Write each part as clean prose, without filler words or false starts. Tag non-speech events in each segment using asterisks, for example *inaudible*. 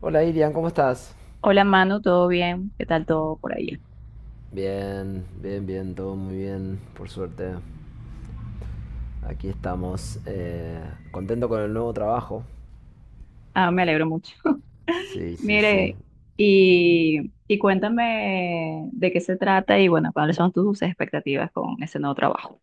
Hola Irian, ¿cómo estás? Hola Manu, ¿todo bien? ¿Qué tal todo por ahí? Bien, bien, bien, todo muy bien, por suerte. Aquí estamos. Contento con el nuevo trabajo. Ah, me alegro mucho. *laughs* Sí, sí, sí. Mire, y cuéntame de qué se trata y bueno, cuáles son tus expectativas con ese nuevo trabajo.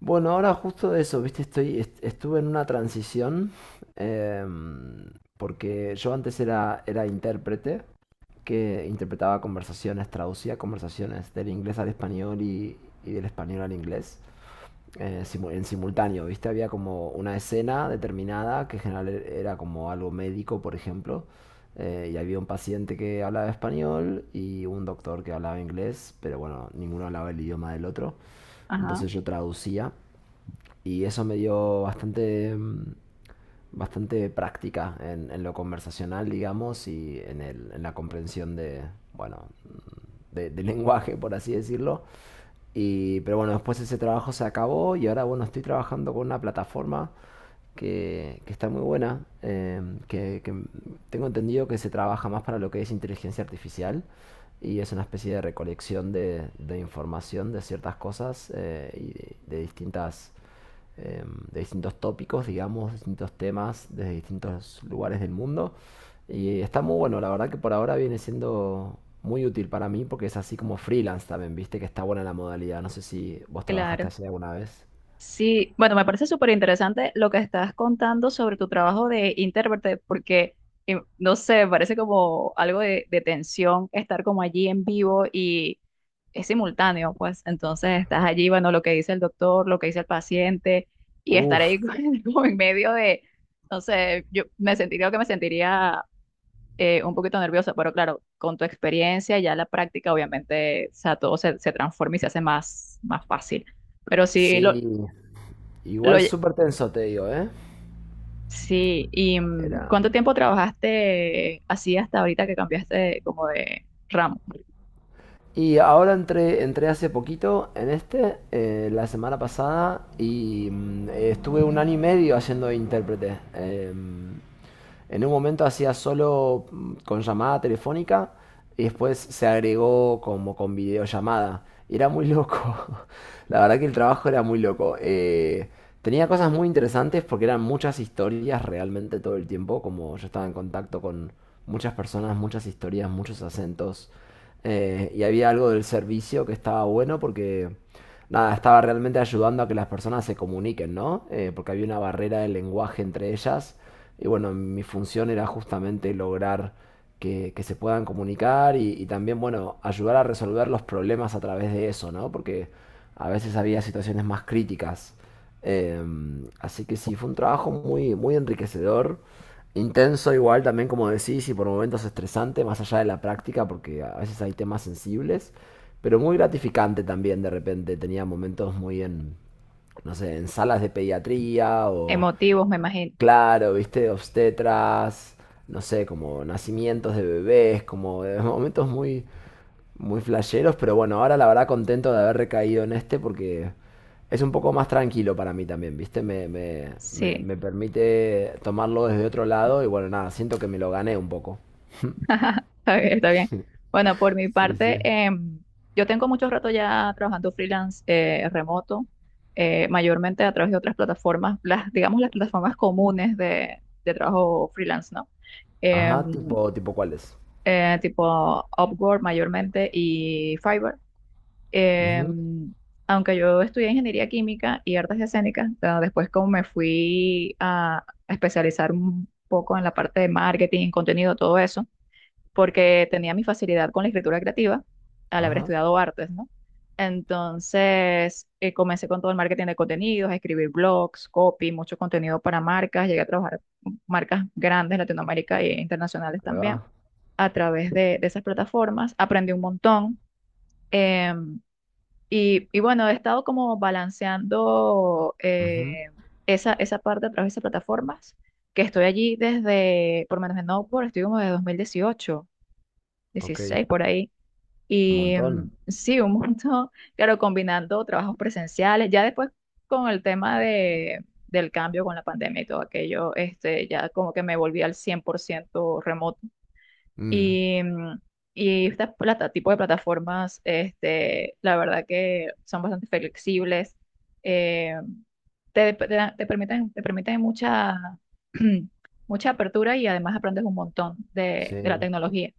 Bueno, ahora justo de eso, viste, estuve en una transición. em, Porque yo antes era intérprete, que interpretaba conversaciones, traducía conversaciones del inglés al español y del español al inglés. En simultáneo, ¿viste? Había como una escena determinada que en general era como algo médico, por ejemplo, y había un paciente que hablaba español y un doctor que hablaba inglés, pero bueno, ninguno hablaba el idioma del otro. Ajá, Entonces yo traducía y eso me dio bastante, bastante práctica en lo conversacional, digamos, y en la comprensión de, bueno, de *laughs* lenguaje, por así decirlo. Y, pero bueno, después ese trabajo se acabó y ahora, bueno, estoy trabajando con una plataforma que está muy buena, que tengo entendido que se trabaja más para lo que es inteligencia artificial y es una especie de recolección de información de ciertas cosas y eh, de distintos tópicos, digamos, distintos temas desde distintos lugares del mundo. Y está muy bueno, la verdad que por ahora viene siendo muy útil para mí porque es así como freelance también, viste que está buena la modalidad. No sé si vos trabajaste claro. así alguna vez. Sí, bueno, me parece súper interesante lo que estás contando sobre tu trabajo de intérprete, porque, no sé, parece como algo de tensión estar como allí en vivo y es simultáneo, pues entonces estás allí, bueno, lo que dice el doctor, lo que dice el paciente, y estar Uf, ahí *laughs* como en medio de, no sé, yo me sentiría un poquito nerviosa, pero claro, con tu experiencia, ya la práctica, obviamente, o sea, todo se transforma y se hace más fácil. Pero sí, sí. Lo, Igual súper tenso, te digo, ¿eh? sí, ¿y Era... cuánto tiempo trabajaste así hasta ahorita que cambiaste como de ramo? Y ahora entré hace poquito en la semana pasada, y estuve un año y medio haciendo de intérprete. En un momento hacía solo con llamada telefónica y después se agregó como con videollamada. Y era muy loco. *laughs* La verdad que el trabajo era muy loco. Tenía cosas muy interesantes porque eran muchas historias realmente todo el tiempo. Como yo estaba en contacto con muchas personas, muchas historias, muchos acentos. Y había algo del servicio que estaba bueno porque, nada, estaba realmente ayudando a que las personas se comuniquen, ¿no? Porque había una barrera de lenguaje entre ellas. Y bueno, mi función era justamente lograr que se puedan comunicar y también, bueno, ayudar a resolver los problemas a través de eso, ¿no? Porque a veces había situaciones más críticas. Así que sí, fue un trabajo muy, muy enriquecedor, intenso igual también, como decís, y por momentos estresante, más allá de la práctica, porque a veces hay temas sensibles, pero muy gratificante también de repente. Tenía momentos muy no sé, en salas de pediatría o Emotivos, me imagino. claro, viste, obstetras, no sé, como nacimientos de bebés, como de *laughs* momentos muy, muy flasheros, pero bueno, ahora la verdad contento de haber recaído en este porque es un poco más tranquilo para mí también, viste, me, me, me, Sí, me permite tomarlo desde otro lado y bueno, nada, siento que me lo gané un poco. *laughs* está bien, está bien. Bueno, por mi Sí, parte, sí. em, yo tengo mucho rato ya trabajando freelance, remoto, mayormente a través de otras plataformas, las, digamos, las plataformas comunes de trabajo freelance, ¿no? Ajá, Em, tipo cuáles. Tipo Upwork mayormente y Fiverr. Ujú. Em, Aunque yo estudié ingeniería química y artes escénicas, pero después como me fui a especializar un poco en la parte de marketing, contenido, todo eso, porque tenía mi facilidad con la escritura creativa al haber Ajá. estudiado artes, ¿no? Entonces, comencé con todo el marketing de contenidos, escribir blogs, copy, mucho contenido para marcas, llegué a trabajar con marcas grandes en Latinoamérica e internacionales Ahí también va. a través de esas plataformas, aprendí un montón. em, y bueno, he estado como balanceando, Ujú. Esa parte a través de plataformas, que estoy allí desde, por lo menos en Upwork, estoy como desde 2018 Ok. dieciséis por ahí. Un Y montón. Sí, un montón, *laughs* claro, combinando trabajos presenciales, ya después con el tema de, del cambio con la pandemia y todo aquello, este, ya como que me volví al 100% remoto Mm. y, mm, y estas tipo de plataformas, este, la verdad que son bastante flexibles, eh, te permiten mucha, *clears throat* mucha apertura y además aprendes un montón de la Sí. tecnología.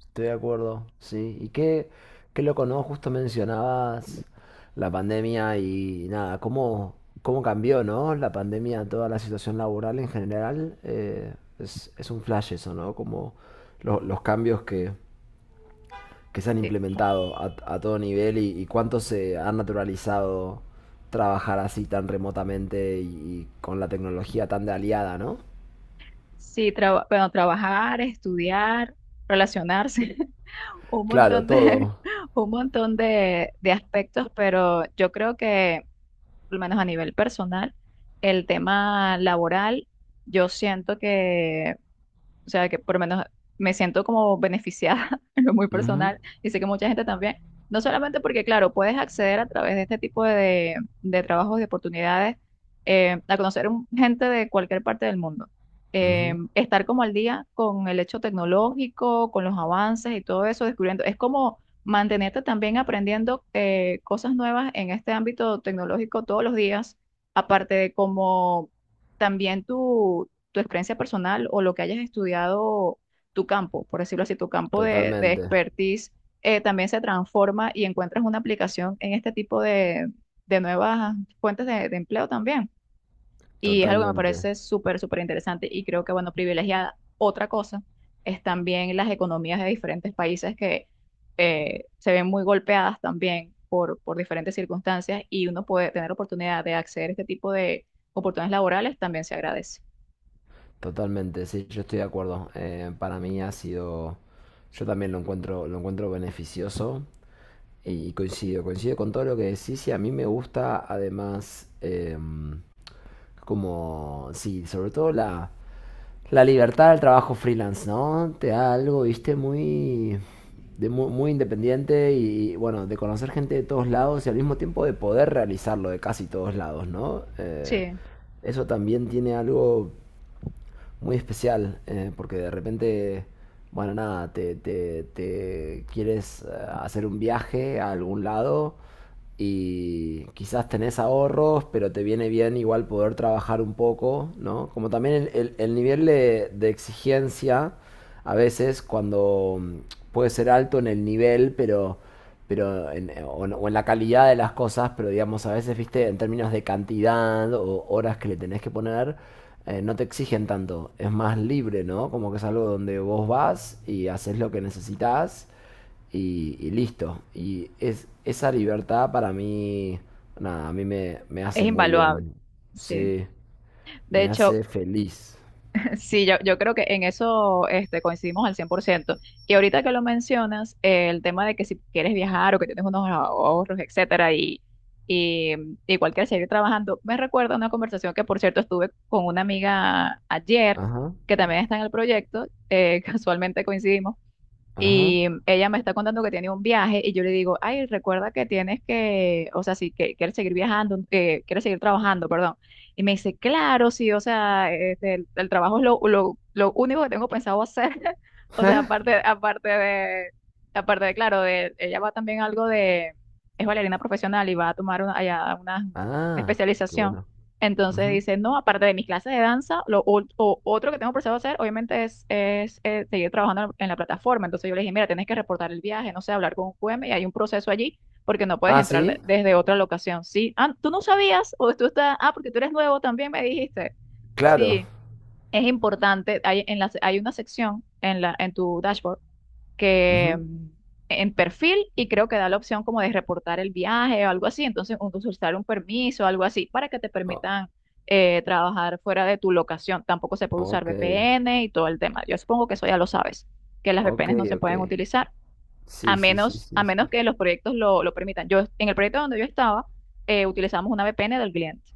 Estoy de acuerdo, sí. Y qué loco, ¿no? Justo mencionabas la pandemia y nada, cómo cambió, ¿no? La pandemia, toda la situación laboral en general, es un flash eso, ¿no? Como los cambios que se han Sí, implementado a todo nivel y cuánto se ha naturalizado trabajar así tan remotamente y con la tecnología tan de aliada, ¿no? sí bueno, trabajar, estudiar, relacionarse. *laughs* Un Claro, montón de, todo. *laughs* un montón de aspectos, pero yo creo que, al menos a nivel personal, el tema laboral, yo siento que, o sea, que por lo menos me siento como beneficiada *laughs* en lo muy Ujú, personal y sé que mucha gente también. No solamente porque, claro, puedes acceder a través de este tipo de trabajos, de oportunidades, a conocer gente de cualquier parte del mundo. Eh, ujú. estar como al día con el hecho tecnológico, con los avances y todo eso, descubriendo. Es como mantenerte también aprendiendo, cosas nuevas en este ámbito tecnológico todos los días, aparte de como también tu experiencia personal o lo que hayas estudiado, tu campo, por decirlo así, tu campo de Totalmente, expertise, también se transforma y encuentras una aplicación en este tipo de nuevas... fuentes de empleo también. Y es algo que me totalmente. parece súper, súper interesante y creo que, bueno, privilegiada. Otra cosa es también las economías de diferentes países que, se ven muy golpeadas también por diferentes circunstancias y uno puede tener oportunidad de acceder a este tipo de oportunidades laborales, también se agradece. Totalmente, sí, yo estoy de acuerdo. Para mí ha sido, yo también lo encuentro beneficioso y coincido con todo lo que decís y a mí me gusta además como, sí, sobre todo la libertad del trabajo freelance, ¿no? Te da algo, viste, muy, muy, independiente y bueno, de conocer gente de todos lados y al mismo tiempo de poder realizarlo de casi todos lados, ¿no? Sí. Eso también tiene algo muy especial, porque de repente, bueno, nada, te quieres hacer un viaje a algún lado y quizás tenés ahorros, pero te viene bien igual poder trabajar un poco, ¿no? Como también el nivel de exigencia a veces cuando puede ser alto en el nivel, pero o en la calidad de las cosas, pero digamos, a veces, viste, en términos de cantidad o horas que le tenés que poner, no te exigen tanto. Es más libre, ¿no? Como que es algo donde vos vas y haces lo que necesitas y listo. Y esa libertad para mí, nada, a mí me Es hace muy invaluable, bien. sí. Sí, De me hecho, hace feliz. *laughs* sí, yo creo que en eso, este, coincidimos al 100%. Y ahorita que lo mencionas, el tema de que si quieres viajar o que tienes unos ahorros, etcétera, y, y igual quieres seguir trabajando, me recuerda una conversación que, por cierto, estuve con una amiga ayer, Ajá, que también está en el proyecto, *laughs* casualmente coincidimos, ajá. y ella me está contando que tiene un viaje y yo le digo, ay, recuerda que tienes que, o sea, si que, quieres seguir viajando, que quieres seguir trabajando, perdón. Y me dice, claro, sí, o sea, este, el trabajo es lo único que tengo pensado hacer. *laughs* O sea, aparte, *laughs* aparte de, aparte de, claro, de, ella va también algo de, es bailarina profesional y va a tomar una, allá una Ah, qué especialización. bueno. Entonces Ujú. dice, no, aparte de mis clases de danza, lo otro que tengo pensado hacer, obviamente, es seguir trabajando en la plataforma. Entonces yo le dije, mira, tienes que reportar el viaje, no sé, hablar con un QM y hay un proceso allí porque no puedes Ah, entrar sí, desde otra locación. Sí, ah, tú no sabías o tú estás, ah, porque tú eres nuevo también, me dijiste. claro. Sí, es importante, hay, hay una sección en tu dashboard que, Ujú. En perfil y creo que da la opción como de reportar el viaje o algo así, entonces solicitar un permiso o algo así para que te O- permitan, trabajar fuera de tu locación. Tampoco se puede usar ok, VPN y todo el tema. Yo supongo que eso ya lo sabes, que las ok, VPNs no se ok. pueden utilizar, a Sí, sí, sí, menos, a sí, sí. menos que los proyectos lo permitan. Yo, en el proyecto donde yo estaba, utilizamos una VPN del cliente.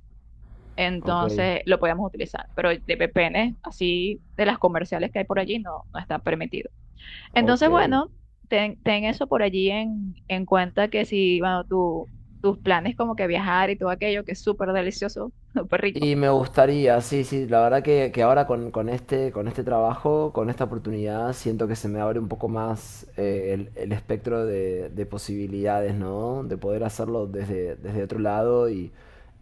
Ok, Entonces lo podíamos utilizar, pero de VPN, así de las comerciales que hay por allí, no, no está permitido. Entonces, ok. bueno, ten eso por allí en cuenta, que si, bueno, tus planes como que viajar y todo aquello, que es súper delicioso, *laughs* súper rico. Y me gustaría, sí, sí, la verdad que ahora con este trabajo, con esta oportunidad, siento que se me abre un poco más el, espectro de posibilidades, ¿no? De poder hacerlo desde otro lado y,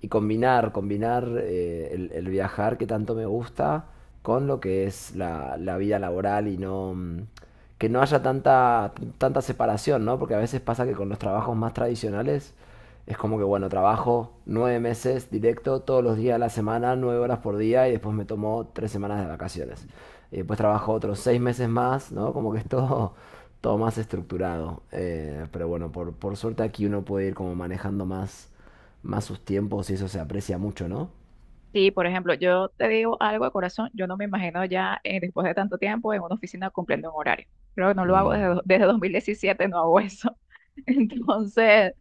combinar el viajar que tanto me gusta con lo que es la vida laboral y no, que no haya tanta separación, ¿no? Porque a veces pasa que con los trabajos más tradicionales es como que, bueno, trabajo 9 meses directo, todos los días de la semana, 9 horas por día, y después me tomo 3 semanas de vacaciones. Y después trabajo otros 6 meses más, ¿no? Como que es todo, *laughs* todo más estructurado. Pero bueno, por suerte aquí uno puede ir como manejando más, más sus tiempos y eso se aprecia mucho, ¿no? Sí, por ejemplo, yo te digo algo de corazón, yo no me imagino ya, después de tanto tiempo en una oficina cumpliendo un horario. Creo que no lo hago desde, Mm, desde 2017, no hago eso. *laughs* Entonces,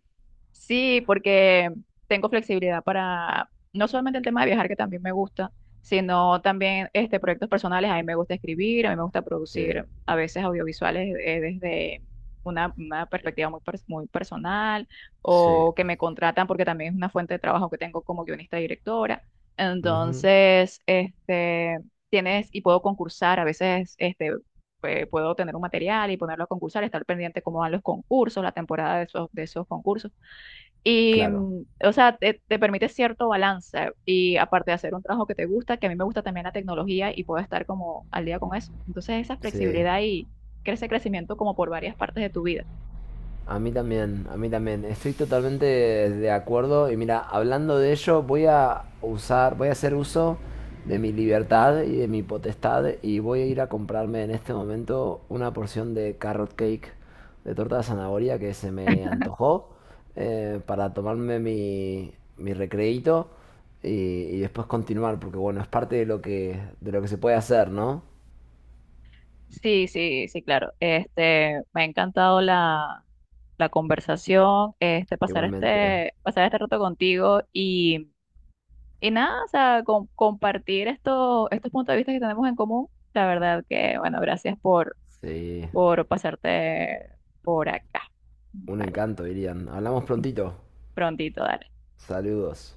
sí, porque tengo flexibilidad para no solamente el tema de viajar, que también me gusta, sino también, este, proyectos personales. A mí me gusta escribir, a mí me gusta sí, producir a veces audiovisuales, desde una perspectiva muy personal, sí. o que me contratan porque también es una fuente de trabajo que tengo como guionista y directora. Ujú. Entonces, este, tienes y puedo concursar, a veces, este, pues, puedo tener un material y ponerlo a concursar, estar pendiente cómo van los concursos, la temporada de esos, concursos. Y, Claro, o sea, te permite cierto balance y aparte de hacer un trabajo que te gusta, que a mí me gusta también la tecnología y puedo estar como al día con eso. Entonces, esa sí. flexibilidad y crece crecimiento como por varias partes de tu vida. A mí también, a mí también. Estoy totalmente de acuerdo. Y mira, hablando de ello, voy a hacer uso de mi libertad y de mi potestad y voy a ir a comprarme en este momento una porción de carrot cake de torta de zanahoria que se me antojó para tomarme mi recreíto y, y después continuar, porque bueno, es parte de lo que se puede hacer, ¿no? Sí, sí, sí, claro. Este, me ha encantado la conversación, este, pasar Igualmente, este, pasar este rato contigo y, nada, o sea, compartir estos puntos de vista que tenemos en común. La verdad que, bueno, gracias por sí. por pasarte por acá. Un Vale, encanto, dirían. Hablamos prontito. prontito, dale. Saludos.